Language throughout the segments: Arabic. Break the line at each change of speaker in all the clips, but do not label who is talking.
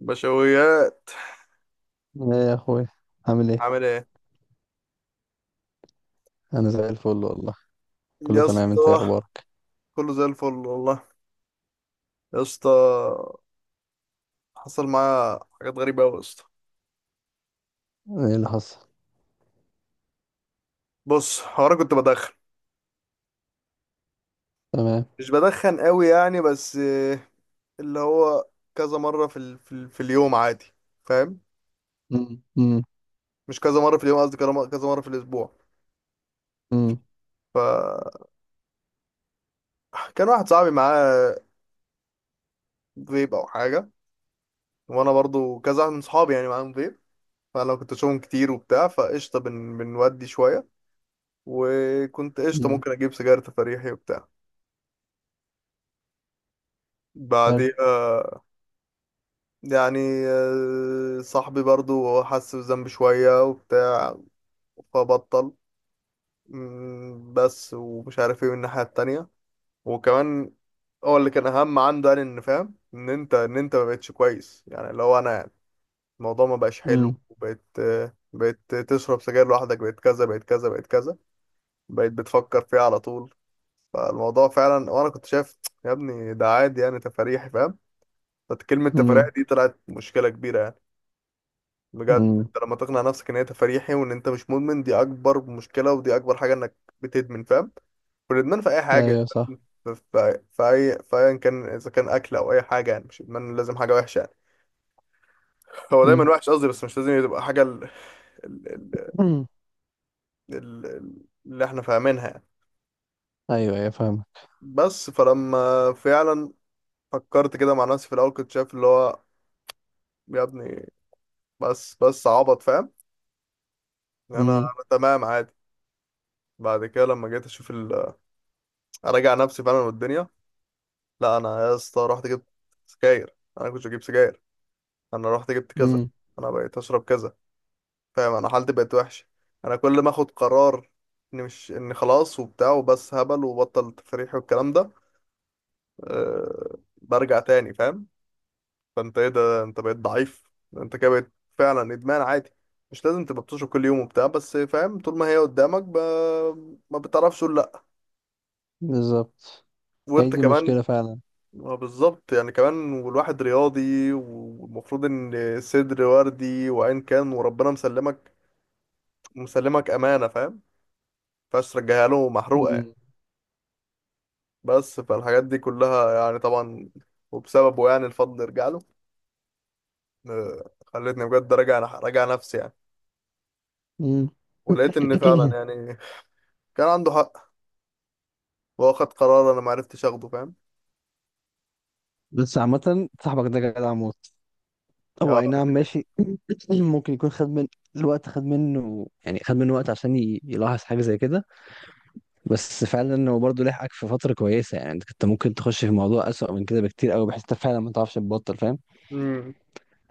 بشويات،
ايه يا اخوي، عامل ايه؟
عامل ايه
انا زي الفل والله. كله
يا
تمام، انت ايه
اسطى؟
اخبارك؟
كله زي الفل والله يا اسطى. حصل معايا حاجات غريبه قوي يا اسطى.
ايه اللي حصل؟
بص، هو انا كنت بدخن.
تمام.
مش بدخن قوي يعني بس، اللي هو كذا مره في في اليوم عادي، فاهم؟
امم، امم.
مش كذا مره في اليوم، قصدي كذا كذا مره في الاسبوع.
امم،
فكان واحد صاحبي معاه فيب او حاجه، وانا برضو كذا واحد من صحابي يعني معاهم فيب. فانا كنت اشوفهم كتير وبتاع فقشطه بنودي شويه، وكنت قشطه
امم.
ممكن اجيب سيجاره تفريحي وبتاع
حلو.
بعديها يعني. صاحبي برضو هو حس بذنب شوية وبتاع فبطل. بس ومش عارف ايه من الناحية التانية. وكمان هو اللي كان أهم عنده يعني إن فاهم إن أنت ما بقتش كويس، يعني اللي هو أنا يعني الموضوع ما بقاش حلو،
امم.
وبقيت بقيت تشرب سجاير لوحدك، بقيت كذا بقيت كذا بقيت كذا، بقيت بتفكر فيه على طول. فالموضوع فعلا، وأنا كنت شايف يا ابني ده عادي يعني تفاريحي، فاهم؟ فكلمة تفاريحي
امم.
دي طلعت مشكلة كبيرة يعني. بجد
امم.
انت لما تقنع نفسك ان هي تفريحي وان انت مش مدمن، دي اكبر مشكله، ودي اكبر حاجه انك بتدمن، فاهم؟ والادمان في اي حاجه
ايوه، صح.
ادمان. في اي، في ايا كان، اذا كان اكل او اي حاجه، يعني مش ادمان لازم حاجه وحشه يعني. هو دايما
امم.
وحش قصدي، بس مش لازم تبقى حاجه ال... ال...
امم.
اللي احنا فاهمينها يعني.
ايوه، ايوه، فاهمك.
بس فلما فعلا فكرت كده مع نفسي، في الاول كنت شايف اللي هو يا ابني، بس عبط، فاهم؟ انا
امم.
انا تمام عادي. بعد كده لما جيت اشوف اراجع نفسي فعلا، والدنيا، لا انا يا اسطى رحت جبت سجاير. انا كنت بجيب سجاير، انا رحت جبت كذا،
امم.
انا بقيت اشرب كذا، فاهم انا حالتي بقت وحشه. انا كل ما اخد قرار اني مش اني خلاص وبتاع وبس، هبل وبطل تفريح والكلام ده، برجع تاني، فاهم؟ فانت ايه ده، انت بقيت ضعيف، انت كده بقيت فعلا ادمان عادي. مش لازم تبقى بتشرب كل يوم وبتاع بس، فاهم طول ما هي قدامك ما بتعرفش تقول لا.
بالظبط، هي
وانت
دي
كمان
مشكلة فعلا.
ما بالظبط يعني كمان، والواحد رياضي والمفروض ان صدر وردي وعين كان، وربنا مسلمك، مسلمك امانه، فاهم؟ مينفعش ترجعها له محروقه يعني.
امم.
بس فالحاجات دي كلها يعني طبعا، وبسببه يعني الفضل يرجع له. خلتني بجد راجع نفسي يعني،
امم.
ولقيت ان فعلا يعني كان عنده حق. واخد قرار انا ما عرفتش اخده، فاهم؟
بس عامة صاحبك ده جدع موت. هو
آه،
اي نعم، ماشي. ممكن يكون خد من الوقت، خد منه، يعني خد منه وقت، عشان يلاحظ حاجة زي كده. بس فعلا هو برضه لحقك في فترة كويسة، يعني انت كنت ممكن تخش في موضوع أسوأ من كده بكتير قوي، بحيث انت فعلا ما تعرفش تبطل، فاهم.
امم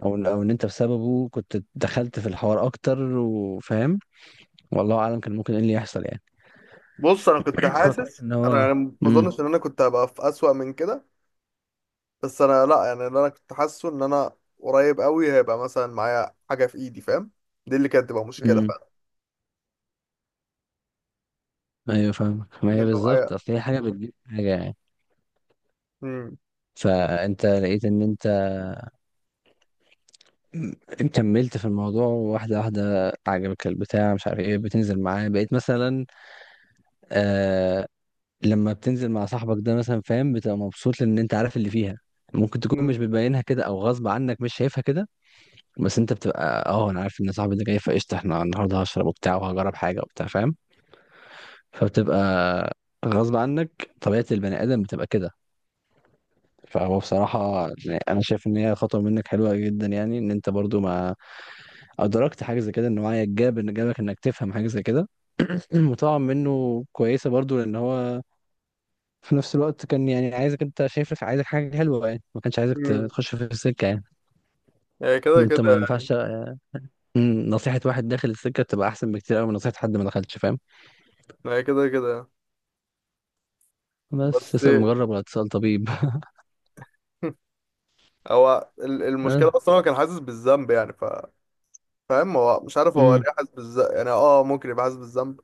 او ان انت بسببه كنت دخلت في الحوار اكتر، وفاهم. والله اعلم كان ممكن ايه اللي يحصل يعني.
بص، انا كنت
فكويس
حاسس
ان
انا
هو.
أنا ما
امم.
اظنش ان انا كنت هبقى في اسوأ من كده. بس انا لا يعني، اللي انا كنت حاسه ان انا قريب قوي هيبقى مثلا معايا حاجه في ايدي، فاهم؟ دي اللي كانت تبقى مشكله
امم.
فعلا،
ايوه فاهمك. ما
إن
هي
يبقى معايا.
بالظبط، اصل هي حاجة بتجيب حاجة يعني.
امم
فانت لقيت ان انت كملت في الموضوع، واحدة واحدة، عجبك البتاع، مش عارف ايه، بتنزل معاه، بقيت مثلا. آه، لما بتنزل مع صاحبك ده مثلا فاهم، بتبقى مبسوط لان انت عارف اللي فيها. ممكن تكون
امم
مش بتبينها كده، او غصب عنك مش شايفها كده. بس انت بتبقى: اه، انا عارف ان صاحبي ده جاي، فقشطه احنا النهارده هشرب وبتاع، وهجرب حاجه وبتاع، فاهم. فبتبقى غصب عنك، طبيعه البني ادم بتبقى كده. فهو بصراحة يعني أنا شايف إن هي خطوة منك حلوة جدا، يعني إن أنت برضو ما أدركت حاجة زي كده، إن وعيك جاب، إن جابك إنك تفهم حاجة زي كده. المطاعم منه كويسة برضو، لأن هو في نفس الوقت كان يعني عايزك، انت شايف، عايزك حاجة حلوة يعني، ما كانش عايزك
امم
تخش في السكة يعني.
هي كده كده
وانت ما
يعني.
ينفعش. نصيحة واحد داخل السكة تبقى أحسن بكتير قوي من نصيحة حد ما دخلش، فاهم.
هي كده كده يعني.
بس
بس
اسأل مجرب ولا تسأل طبيب.
هو المشكله
اه.
اصلا هو كان حاسس بالذنب يعني، فاهم، هو مش عارف هو
امم.
ليه حاسس بالذنب يعني. اه ممكن يبقى حاسس بالذنب،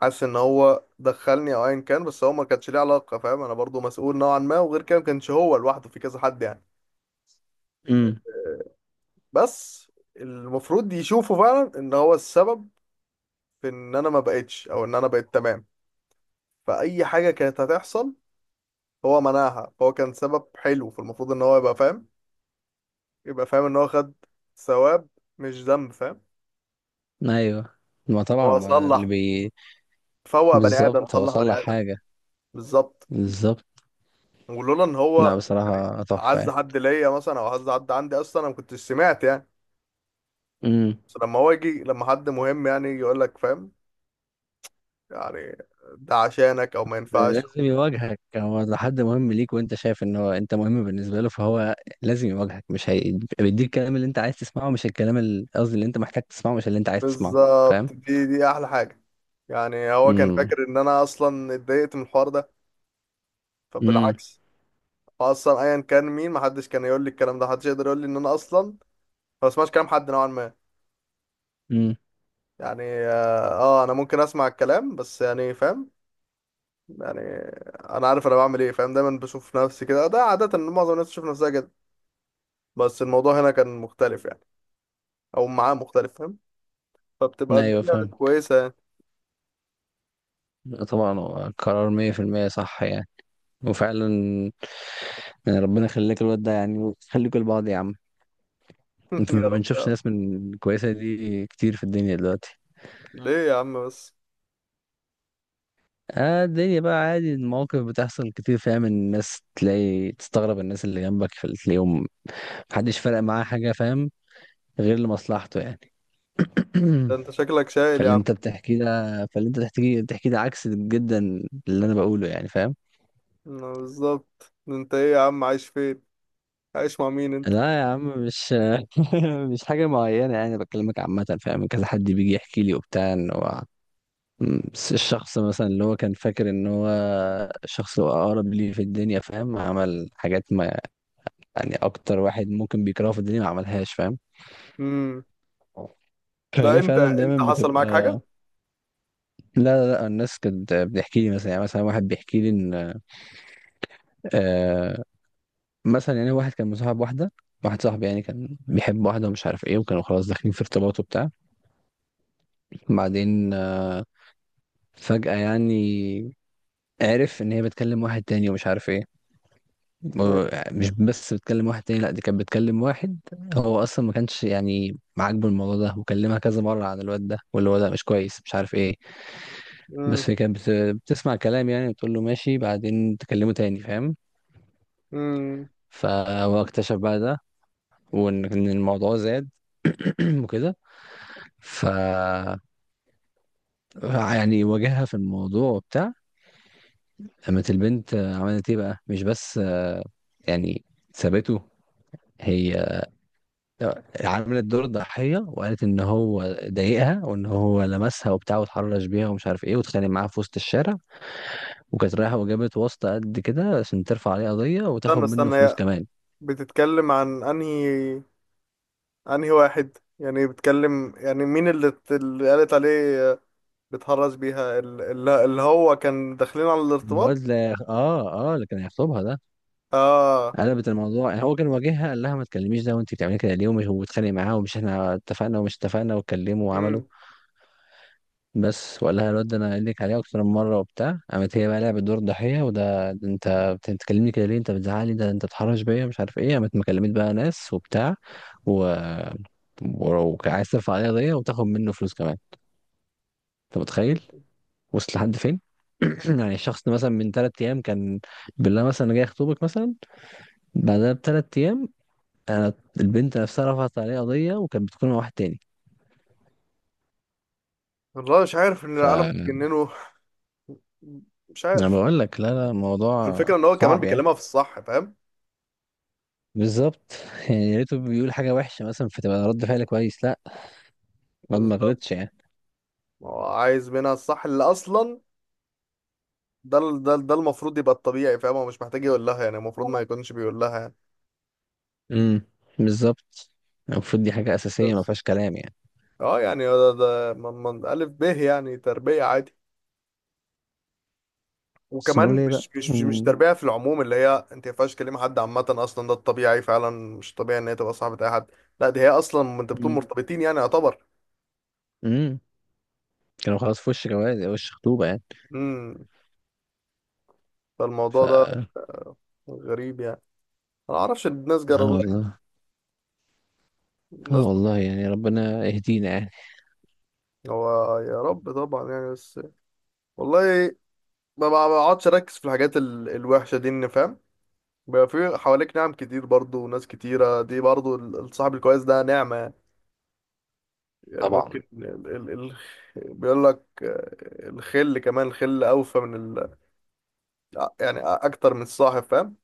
حاسس ان هو دخلني او ايا كان، بس هو ما كانش ليه علاقه، فاهم؟ انا برضو مسؤول نوعا ما، وغير كده ما كانش هو لوحده، في كذا حد يعني.
امم.
بس المفروض يشوفوا فعلا ان هو السبب في ان انا ما بقتش، او ان انا بقيت تمام. فاي حاجه كانت هتحصل هو منعها، فهو كان سبب حلو. فالمفروض ان هو يبقى فاهم ان هو خد ثواب مش ذنب، فاهم؟
ايوه. ما طبعا،
هو
ما اللي
صلح
بي.
فوق بني ادم،
بالظبط، هو
صلح
صلح
بني ادم،
حاجة.
بالظبط.
بالظبط.
ولولا ان هو
لا
يعني
بصراحة تحفة
عز
يعني.
حد ليا مثلا، او عز حد عندي اصلا، انا ما كنتش سمعت يعني.
مم.
بس لما هو يجي، لما حد مهم يعني يجي يقول لك، فاهم؟ يعني ده عشانك، او ما
ده
ينفعش.
لازم يواجهك، هو لو حد مهم ليك، وانت شايف ان هو انت مهم بالنسبه له، فهو لازم يواجهك، مش هي... بيديك الكلام اللي انت عايز تسمعه، مش الكلام قصدي اللي انت محتاج تسمعه، مش اللي انت عايز تسمعه، فاهم.
بالظبط، دي احلى حاجه. يعني هو كان
امم.
فاكر ان انا اصلا اتضايقت من الحوار ده،
امم.
فبالعكس. هو اصلا ايا كان مين، محدش كان يقول لي الكلام ده، محدش يقدر يقول لي ان انا اصلا ما بسمعش كلام حد نوعا ما
امم.
يعني. اه، انا ممكن اسمع الكلام بس يعني، فاهم؟ يعني انا عارف انا بعمل ايه، فاهم؟ دايما بشوف نفسي كده، ده عاده معظم الناس تشوف نفسها كده. بس الموضوع هنا كان مختلف يعني، او معاه مختلف، فاهم؟ فبتبقى
ايوه
الدنيا
فاهم.
كويسه يعني.
لا طبعا، هو قرار 100% صح يعني. وفعلا يعني ربنا يخليك الواد ده، يعني خليكوا لبعض يا عم. انت
يا
ما
رب يا
بنشوفش
عم.
ناس من كويسه دي كتير في الدنيا دلوقتي.
ليه يا عم بس؟
اه الدنيا بقى عادي، المواقف بتحصل كتير، فاهم. الناس تلاقي تستغرب الناس اللي جنبك في اليوم، محدش فارق معاه حاجة، فاهم، غير لمصلحته يعني.
ده انت شكلك شايل يا
فاللي
عم.
انت بتحكيه ده، فاللي انت بتحكيه ده عكس جدا اللي انا بقوله يعني، فاهم.
ما بالظبط، انت ايه يا عم، عايش فين؟ عايش مع مين انت؟
لا يا عم، مش. مش حاجة معينة يعني، بكلمك عامة فاهم، كذا حد بيجي يحكي لي وبتاع ان هو الشخص مثلا اللي هو كان فاكر ان هو الشخص اللي هو اقرب لي في الدنيا، فاهم، عمل حاجات ما. يعني اكتر واحد ممكن بيكرهه في الدنيا ما عملهاش، فاهم.
امم. لا،
فهي
انت
فعلا
انت
دايما
حصل معاك
بتبقى.
حاجه؟
لا، لا، لا، الناس كانت بتحكي لي مثلا يعني، مثلا واحد بيحكي لي ان آه مثلا، يعني واحد كان مصاحب واحده، واحد صاحبي يعني، كان بيحب واحده، ومش عارف ايه، وكانوا خلاص داخلين في ارتباط وبتاع، بعدين فجاه يعني، عرف ان هي بتكلم واحد تاني، ومش عارف ايه.
ماشي.
مش بس بتكلم واحد تاني، لا دي كانت بتكلم واحد. هو اصلا ما كانش يعني عاجبه الموضوع ده، وكلمها كذا مره عن الواد ده، واللي هو ده مش كويس، مش عارف ايه.
امم.
بس هي كانت بتسمع كلام يعني، بتقول له ماشي، بعدين تكلمه تاني، فاهم.
امم.
فهو اكتشف بقى ده، وان إن الموضوع زاد، وكده ف يعني، واجهها في الموضوع وبتاع. قامت البنت عملت ايه بقى؟ مش بس يعني سابته، هي عملت دور الضحية، وقالت ان هو ضايقها، وان هو لمسها وبتاع، واتحرش بيها، ومش عارف ايه، واتخانق معاها في وسط الشارع، وكانت رايحة وجابت واسطة قد كده عشان ترفع عليه قضية،
استنى
وتاخد منه
استنى،
فلوس
هي
كمان.
بتتكلم عن انهي واحد يعني، بتتكلم يعني مين اللي قالت عليه، بتهرج بيها اللي هو كان داخلين على الارتباط.
الواد، لا، اه، اه، اللي كان هيخطبها ده.
اه.
قلبت الموضوع يعني، هو كان واجهها قال لها ما تكلميش ده، وانت بتعملي كده ليه؟ ومش، وبتخانق معاه، ومش احنا اتفقنا، ومش اتفقنا، واتكلموا وعملوا.
امم.
بس، وقال لها الواد ده، انا قايل لك عليه اكتر من مره وبتاع، قامت هي بقى لعبت دور ضحيه، وده انت بتتكلمني كده ليه؟ انت بتزعلي، ده انت بتحرش بيا، مش عارف ايه، قامت مكلمت بقى ناس وبتاع، و ولو عايز ترفع عليها قضيه وتاخد منه فلوس كمان. انت متخيل؟ وصل لحد فين؟ يعني الشخص ده مثلا من 3 ايام كان، بالله مثلا، أنا جاي اخطبك مثلا، بعدها ب3 ايام، انا البنت نفسها رفعت عليه قضيه، وكانت بتكون مع واحد تاني.
والله مش عارف ان
ف
العالم
انا
بتجننه، مش عارف.
بقول لك، لا لا، الموضوع
والفكره ان هو كمان
صعب يعني.
بيكلمها في الصح، فاهم؟
بالظبط. يعني يا ريته بيقول حاجه وحشه مثلا، فتبقى رد فعل كويس، لا، الواد ما
بالظبط.
غلطش يعني.
هو عايز منها الصح اللي اصلا ده المفروض يبقى الطبيعي، فاهم؟ هو مش محتاج يقول لها يعني، المفروض ما يكونش بيقول لها يعني.
امم. بالظبط، المفروض دي حاجه اساسيه، ما
بس
فيهاش كلام يعني.
اه يعني ده من ألف ب يعني تربية عادي.
بس
وكمان
نقول ايه بقى؟
مش
امم.
تربية في العموم، اللي هي انت ما ينفعش كلمة حد عامة، اصلا ده الطبيعي فعلا. مش طبيعي ان هي تبقى صاحبة اي حد. لا، دي هي اصلا انت بتكون
امم.
مرتبطين يعني يعتبر.
أمم. كانوا خلاص في وش جواز، وش خطوبه يعني.
امم.
ف
فالموضوع ده
اه.
غريب يعني. انا ما اعرفش الناس جرى لها
والله.
إيه!
اه
الناس!
والله، يعني ربنا يهدينا يعني.
هو يا رب طبعا يعني، بس والله ما بقعدش اركز في الحاجات الوحشة دي، ان فاهم بيبقى في حواليك نعم كتير برضو وناس كتيرة دي، برضو الصاحب الكويس ده نعمة يعني. يعني
طبعا.
ممكن ال ال ال بيقول لك الخل، كمان الخل أوفى من يعني أكتر من الصاحب، فاهم؟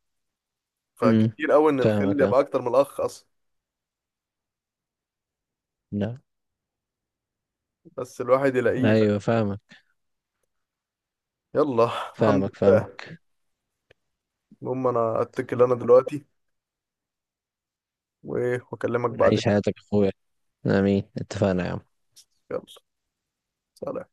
امم.
فكتير أوي إن الخل
فاهمك اه.
يبقى أكتر من الأخ أصلا،
لا.
بس الواحد يلاقيه، فاهم؟
ايوه فاهمك.
يلا، الحمد
فاهمك، فاهم.
لله. المهم، أنا أتكل، أنا دلوقتي وأكلمك بعدين.
عيش حياتك يا اخويا. امين، اتفقنا يا عم.
يلا. سلام.